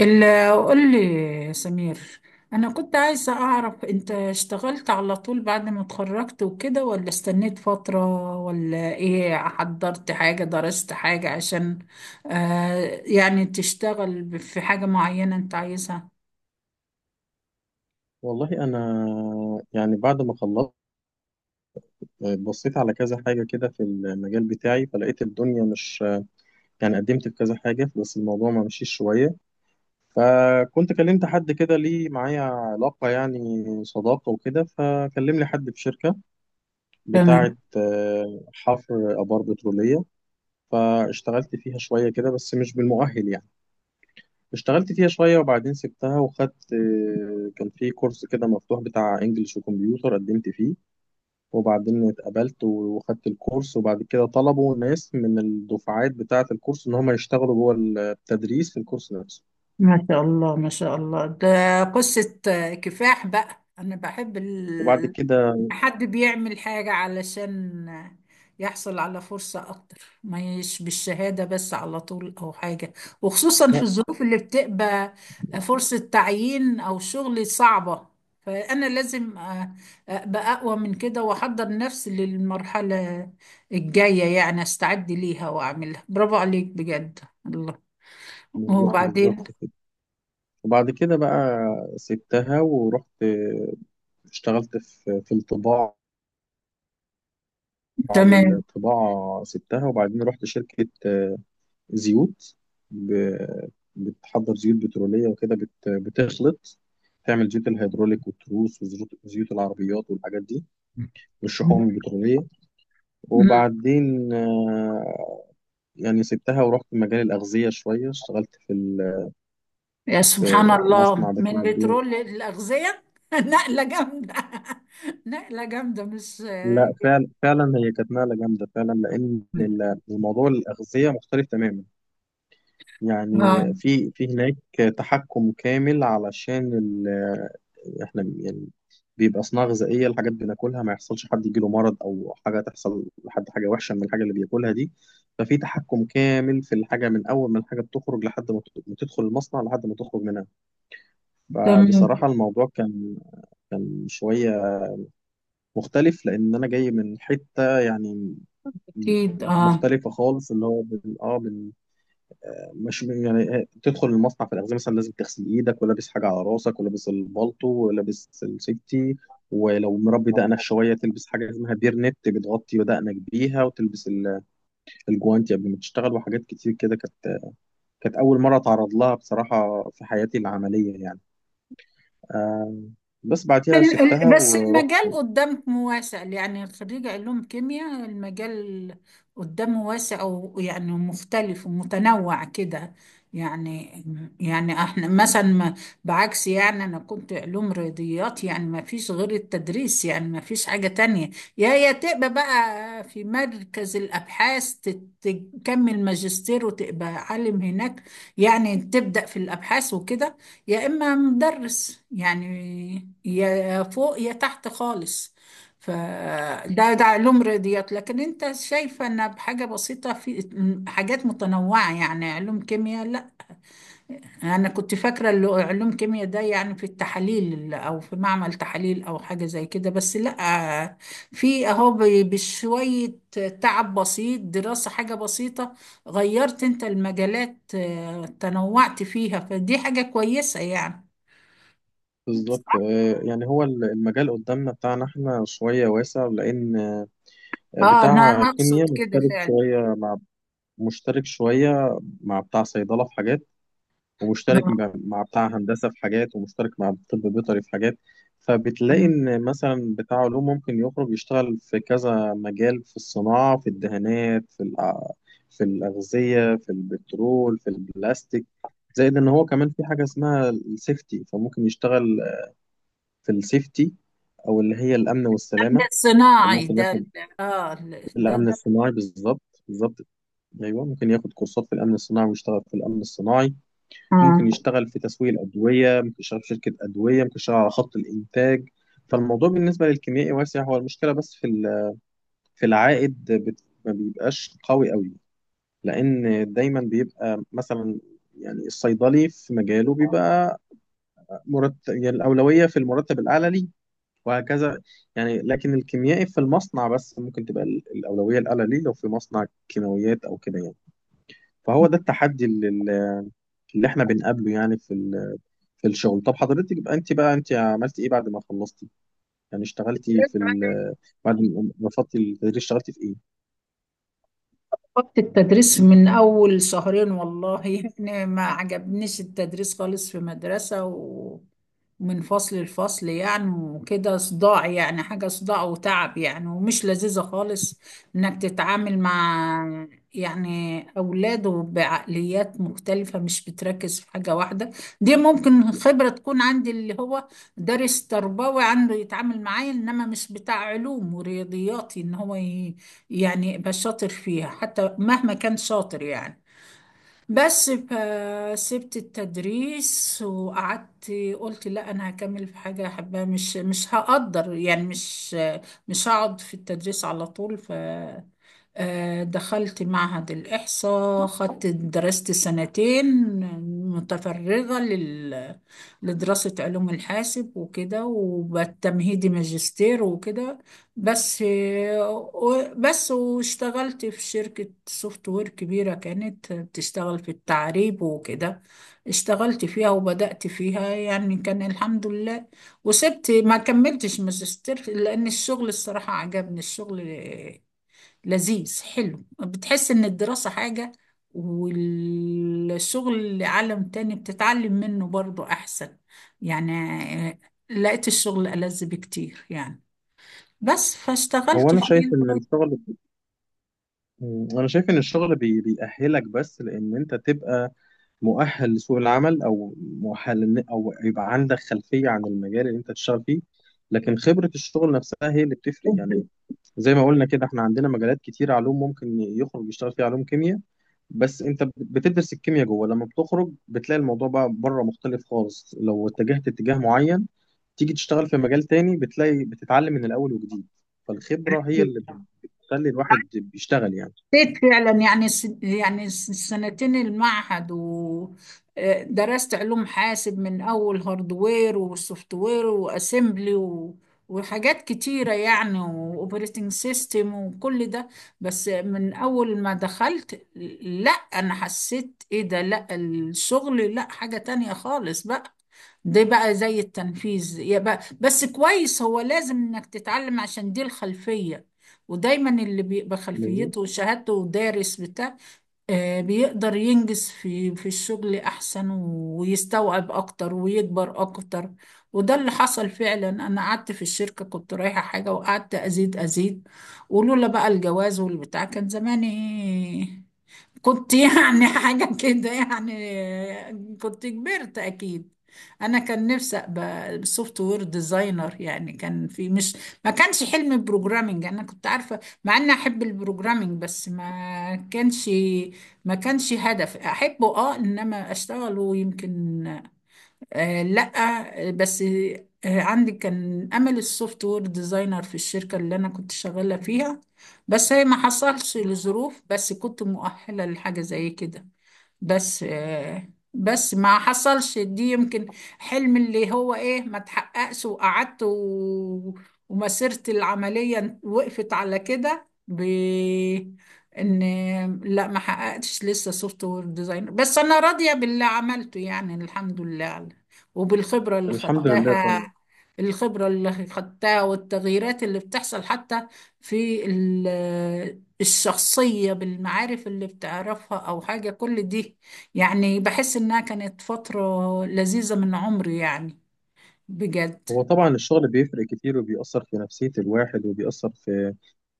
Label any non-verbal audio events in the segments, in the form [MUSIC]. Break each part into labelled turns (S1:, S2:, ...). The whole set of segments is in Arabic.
S1: إلا قول لي يا سمير. أنا كنت عايزة أعرف أنت اشتغلت على طول بعد ما اتخرجت وكده، ولا استنيت فترة، ولا إيه، حضرت حاجة، درست حاجة عشان يعني تشتغل في حاجة معينة أنت عايزها؟
S2: والله انا، يعني بعد ما خلصت، بصيت على كذا حاجه كده في المجال بتاعي، فلقيت الدنيا مش. يعني قدمت في كذا حاجه بس الموضوع ما مشيش شويه. فكنت كلمت حد كده ليه معايا علاقه، يعني صداقه وكده، فكلم لي حد في شركه
S1: تمام.
S2: بتاعه، حفر ابار بتروليه. فاشتغلت فيها شويه كده بس مش بالمؤهل يعني. اشتغلت فيها شويه وبعدين سبتها وخدت، كان في كورس كده مفتوح بتاع انجلش وكمبيوتر، قدمت فيه وبعدين اتقبلت وخدت الكورس. وبعد كده طلبوا ناس من الدفعات بتاعة الكورس إن هم يشتغلوا جوه التدريس في الكورس نفسه.
S1: ما شاء الله، ما شاء الله، ده قصة كفاح بقى. أنا بحب
S2: وبعد كده،
S1: حد بيعمل حاجة علشان يحصل على فرصة، أكتر ما يش بالشهادة بس على طول أو حاجة، وخصوصا
S2: لا،
S1: في الظروف اللي بتبقى فرصة تعيين أو شغل صعبة. فأنا لازم أبقى أقوى من كده وأحضر نفسي للمرحلة الجاية، يعني أستعد ليها وأعملها. برافو عليك بجد. الله.
S2: بالظ-
S1: وبعدين؟
S2: بالظبط كده. وبعد كده بقى سبتها ورحت، اشتغلت في الطباعة. بعد
S1: تمام.
S2: الطباعة سبتها، وبعدين رحت شركة زيوت، ب- بتحضر زيوت بترولية وكده، بتخلط، تعمل زيوت الهيدروليك والتروس وزيوت، زيوت العربيات والحاجات دي، والشحوم البترولية. وبعدين يعني سبتها ورحت مجال الأغذية شوية. اشتغلت
S1: يا
S2: في
S1: سبحان الله،
S2: مصنع
S1: من
S2: بتاع بيض.
S1: بترول للأغذية [LAUGHS] نقلة جامدة. [LAUGHS] نقلة جامدة، مش
S2: لا، فعلا فعلا هي كانت نقلة جامدة فعلا، لأن الموضوع الأغذية مختلف تماما. يعني في هناك تحكم كامل، علشان احنا يعني بيبقى صناعة غذائية، الحاجات بناكلها ما يحصلش حد يجيله مرض أو حاجة، تحصل لحد حاجة وحشة من الحاجة اللي بياكلها دي. ففي تحكم كامل في الحاجة من أول ما الحاجة بتخرج، لحد ما ما تدخل المصنع لحد ما تخرج منها.
S1: تمام.
S2: فبصراحة الموضوع كان، كان شوية مختلف، لأن أنا جاي من حتة، يعني م-
S1: أكيد
S2: مختلفة خالص، اللي هو مش يعني. تدخل المصنع في الأغذية مثلا لازم تغسل إيدك، ولابس حاجة على راسك، ولابس البالطو، ولابس السيفتي. ولو مربي دقنك شوية تلبس حاجة اسمها بيرنت بتغطي دقنك بيها، وتلبس الجوانتي قبل ما تشتغل. وحاجات كتير كده كانت أول مرة أتعرض لها بصراحة في حياتي العملية يعني. آه، بس بعديها سبتها
S1: بس
S2: ورحت.
S1: المجال قدام واسع، يعني خريج علوم كيمياء المجال قدامه واسع، ويعني مختلف ومتنوع كده يعني. يعني احنا مثلا بعكس، يعني انا كنت علوم رياضيات، يعني ما فيش غير التدريس، يعني ما فيش حاجة تانية، يا تبقى بقى في مركز الابحاث تكمل ماجستير وتبقى عالم هناك، يعني تبدأ في الابحاث وكده، يا إما مدرس يعني، يا فوق يا تحت خالص. فده علوم رياضيات. لكن انت شايفة ان بحاجة بسيطة في حاجات متنوعة، يعني علوم كيمياء، لا، انا كنت فاكرة اللي هو علوم كيمياء ده يعني في التحاليل او في معمل تحاليل او حاجة زي كده، بس لا، في اهو بشوية تعب بسيط، دراسة حاجة بسيطة غيرت انت المجالات تنوعت فيها، فدي حاجة كويسة يعني.
S2: بالظبط. يعني هو المجال قدامنا بتاعنا احنا شوية واسع، لأن
S1: اه انا
S2: بتاع
S1: أنا اقصد
S2: كيمياء
S1: كده
S2: مختلف
S1: فعلا.
S2: شوية، مشترك شوية مع بتاع صيدلة في حاجات، ومشترك
S1: آه.
S2: مع بتاع هندسة في حاجات، ومشترك مع طب بيطري في حاجات. فبتلاقي
S1: أمم.
S2: إن مثلا بتاع علوم ممكن يخرج يشتغل في كذا مجال، في الصناعة، في الدهانات، في الأغذية، في البترول، في البلاستيك. زائد إن هو كمان في حاجة اسمها السيفتي، فممكن يشتغل في السيفتي، أو اللي هي الأمن
S1: النمل
S2: والسلامة.
S1: الصناعي
S2: ممكن
S1: ده
S2: ياخد
S1: ده
S2: الأمن
S1: ده
S2: الصناعي، بالظبط بالظبط، ايوه ممكن ياخد كورسات في الامن الصناعي ويشتغل في الامن الصناعي. ممكن
S1: آه.
S2: يشتغل في تسويق الأدوية، ممكن يشتغل في شركة أدوية، ممكن يشتغل على خط الإنتاج. فالموضوع بالنسبة للكيميائي واسع، هو المشكلة بس في العائد، ما بيبقاش قوي قوي، لأن دايما بيبقى مثلا، يعني الصيدلي في مجاله بيبقى مرتب، يعني الأولوية في المرتب الأعلى ليه، وهكذا. يعني لكن الكيميائي في المصنع بس، ممكن تبقى الأولوية الأعلى ليه لو في مصنع كيماويات أو كده يعني. فهو ده التحدي اللي احنا بنقابله، يعني في الشغل. طب حضرتك يبقى انت بقى، انت عملتي ايه بعد ما خلصتي؟ يعني اشتغلتي في ال... بعد ما رفضتي التدريس اشتغلتي في ايه؟
S1: وقت التدريس من أول شهرين والله [LAUGHS] يعني ما عجبنيش التدريس خالص في مدرسة ومن فصل لفصل يعني، وكده صداع، يعني حاجة صداع وتعب يعني، ومش لذيذة خالص إنك تتعامل مع يعني أولاد بعقليات مختلفة، مش بتركز في حاجة واحدة. دي ممكن خبرة تكون عندي اللي هو دارس تربوي عنده يتعامل معايا، إنما مش بتاع علوم ورياضياتي إن هو، يعني بقى شاطر فيها، حتى مهما كان شاطر يعني. بس سبت التدريس وقعدت، قلت لا انا هكمل في حاجه احبها، مش هقدر يعني، مش هقعد في التدريس على طول. ف آه، دخلت معهد الإحصاء، خدت درست سنتين متفرغة لدراسة علوم الحاسب وكده، وبالتمهيدي ماجستير وكده، بس واشتغلت في شركة سوفت وير كبيرة كانت بتشتغل في التعريب وكده، اشتغلت فيها وبدأت فيها، يعني كان الحمد لله. وسبت ما كملتش ماجستير لأن الشغل الصراحة عجبني، الشغل لذيذ حلو، بتحس إن الدراسة حاجة والشغل عالم تاني بتتعلم منه برضو أحسن يعني، لقيت الشغل ألذ بكتير يعني، بس
S2: هو
S1: فاشتغلت
S2: انا شايف
S1: فيه
S2: ان الشغل، انا شايف ان الشغل بيأهلك، بس لان انت تبقى مؤهل لسوق العمل، او مؤهل او يبقى عندك خلفية عن المجال اللي انت تشتغل فيه، لكن خبرة الشغل نفسها هي اللي بتفرق يعني.
S1: لغاية
S2: زي ما قلنا كده، احنا عندنا مجالات كتير، علوم ممكن يخرج يشتغل فيها علوم كيمياء، بس انت بتدرس الكيمياء جوه. لما بتخرج بتلاقي الموضوع بقى بره مختلف خالص، لو اتجهت اتجاه معين، تيجي تشتغل في مجال تاني بتلاقي بتتعلم من الاول وجديد. فالخبرة هي اللي بتخلي الواحد بيشتغل يعني.
S1: حسيت فعلا. يعني السنتين المعهد ودرست علوم حاسب من اول هاردوير وسوفت وير واسمبلي وحاجات كتيره يعني، واوبريتنج سيستم وكل ده. بس من اول ما دخلت، لا انا حسيت ايه ده، لا الشغل لا حاجه تانية خالص بقى. ده بقى زي التنفيذ يا بقى، بس كويس هو، لازم انك تتعلم عشان دي الخلفيه. ودايما اللي بيبقى
S2: فاهم قصدي؟
S1: خلفيته وشهادته ودارس بتاع، بيقدر ينجز في الشغل احسن ويستوعب اكتر ويكبر اكتر. وده اللي حصل فعلا. انا قعدت في الشركة كنت رايحة حاجة، وقعدت ازيد ازيد. ولولا بقى الجواز والبتاع، كان زماني إيه؟ كنت يعني [LAUGHS] حاجة كده يعني، كنت كبرت أكيد. أنا كان نفسي أبقى سوفت وير ديزاينر، يعني كان في مش، ما كانش حلم بروجرامينج، أنا كنت عارفة مع إني أحب البروجرامينج، بس ما كانش هدف أحبه إنما أشتغله يمكن. لا. بس عندي كان امل السوفت وير ديزاينر في الشركه اللي انا كنت شغاله فيها، بس هي ما حصلش لظروف، بس كنت مؤهله لحاجه زي كده. بس ما حصلش دي، يمكن حلم اللي هو ايه ما تحققش، وقعدت ومسيرة العملية وقفت على كده ب ان لا، ما حققتش لسه سوفت وير ديزاينر، بس انا راضية باللي عملته يعني الحمد لله وبالخبرة اللي
S2: الحمد لله طبعا.
S1: خدتها. والتغييرات اللي بتحصل حتى في الشخصية، بالمعارف اللي بتعرفها أو حاجة كل دي، يعني بحس إنها كانت فترة لذيذة من عمري يعني، بجد.
S2: هو طبعا الشغل بيفرق كتير، وبيأثر في نفسية الواحد، وبيأثر في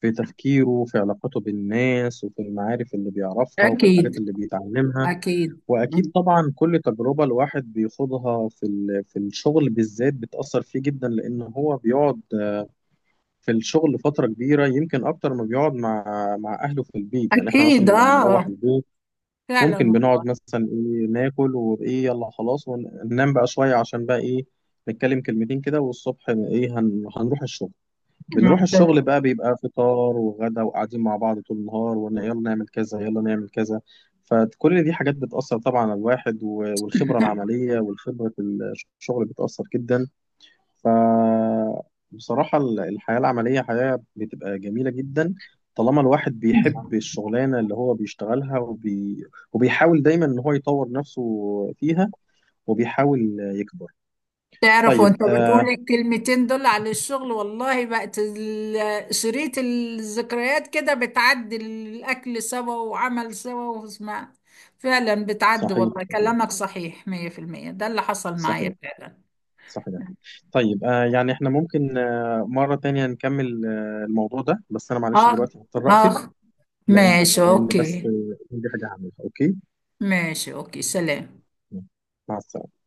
S2: في تفكيره، وفي علاقته بالناس، وفي المعارف اللي بيعرفها، وفي الحاجات
S1: أكيد.
S2: اللي بيتعلمها.
S1: أكيد.
S2: واكيد طبعا كل تجربه الواحد بيخوضها في الشغل بالذات بتاثر فيه جدا، لان هو بيقعد في الشغل فتره كبيره، يمكن اكتر ما بيقعد مع اهله في البيت. يعني احنا مثلا
S1: أكيد،
S2: لما بنروح
S1: آه،
S2: البيت، ممكن
S1: فعلا
S2: بنقعد مثلا، ايه ناكل، وايه يلا خلاص وننام بقى شويه، عشان بقى ايه نتكلم كلمتين كده، والصبح ايه هنروح الشغل. بنروح
S1: والله
S2: الشغل بقى بيبقى فطار وغدا وقاعدين مع بعض طول النهار، وقلنا يلا نعمل كذا يلا نعمل كذا. فكل دي حاجات بتأثر طبعا على الواحد، والخبرة
S1: [LAUGHS]
S2: العملية، والخبرة الشغل بتأثر جدا. ف بصراحة الحياة العملية حياة بتبقى جميلة جدا، طالما الواحد بيحب الشغلانة اللي هو بيشتغلها، وبيحاول دايما إن هو يطور نفسه فيها، وبيحاول يكبر.
S1: تعرف، وأنت
S2: طيب،
S1: بتقولي الكلمتين دول على الشغل، والله بقت شريط الذكريات كده بتعدي، الأكل سوا وعمل سوا واسمع. فعلا، بتعدي
S2: صحيح
S1: والله،
S2: صحيح
S1: كلامك صحيح 100%، ده اللي حصل معايا
S2: صحيح.
S1: فعلا.
S2: صحيح. طيب، يعني احنا ممكن مرة تانية نكمل الموضوع ده، بس أنا معلش
S1: اخ،
S2: دلوقتي هضطر
S1: اخ،
S2: أقفل. لأن،
S1: ماشي اوكي.
S2: بس عندي حاجة هعملها. أوكي،
S1: ماشي اوكي، سلام.
S2: مع السلامة.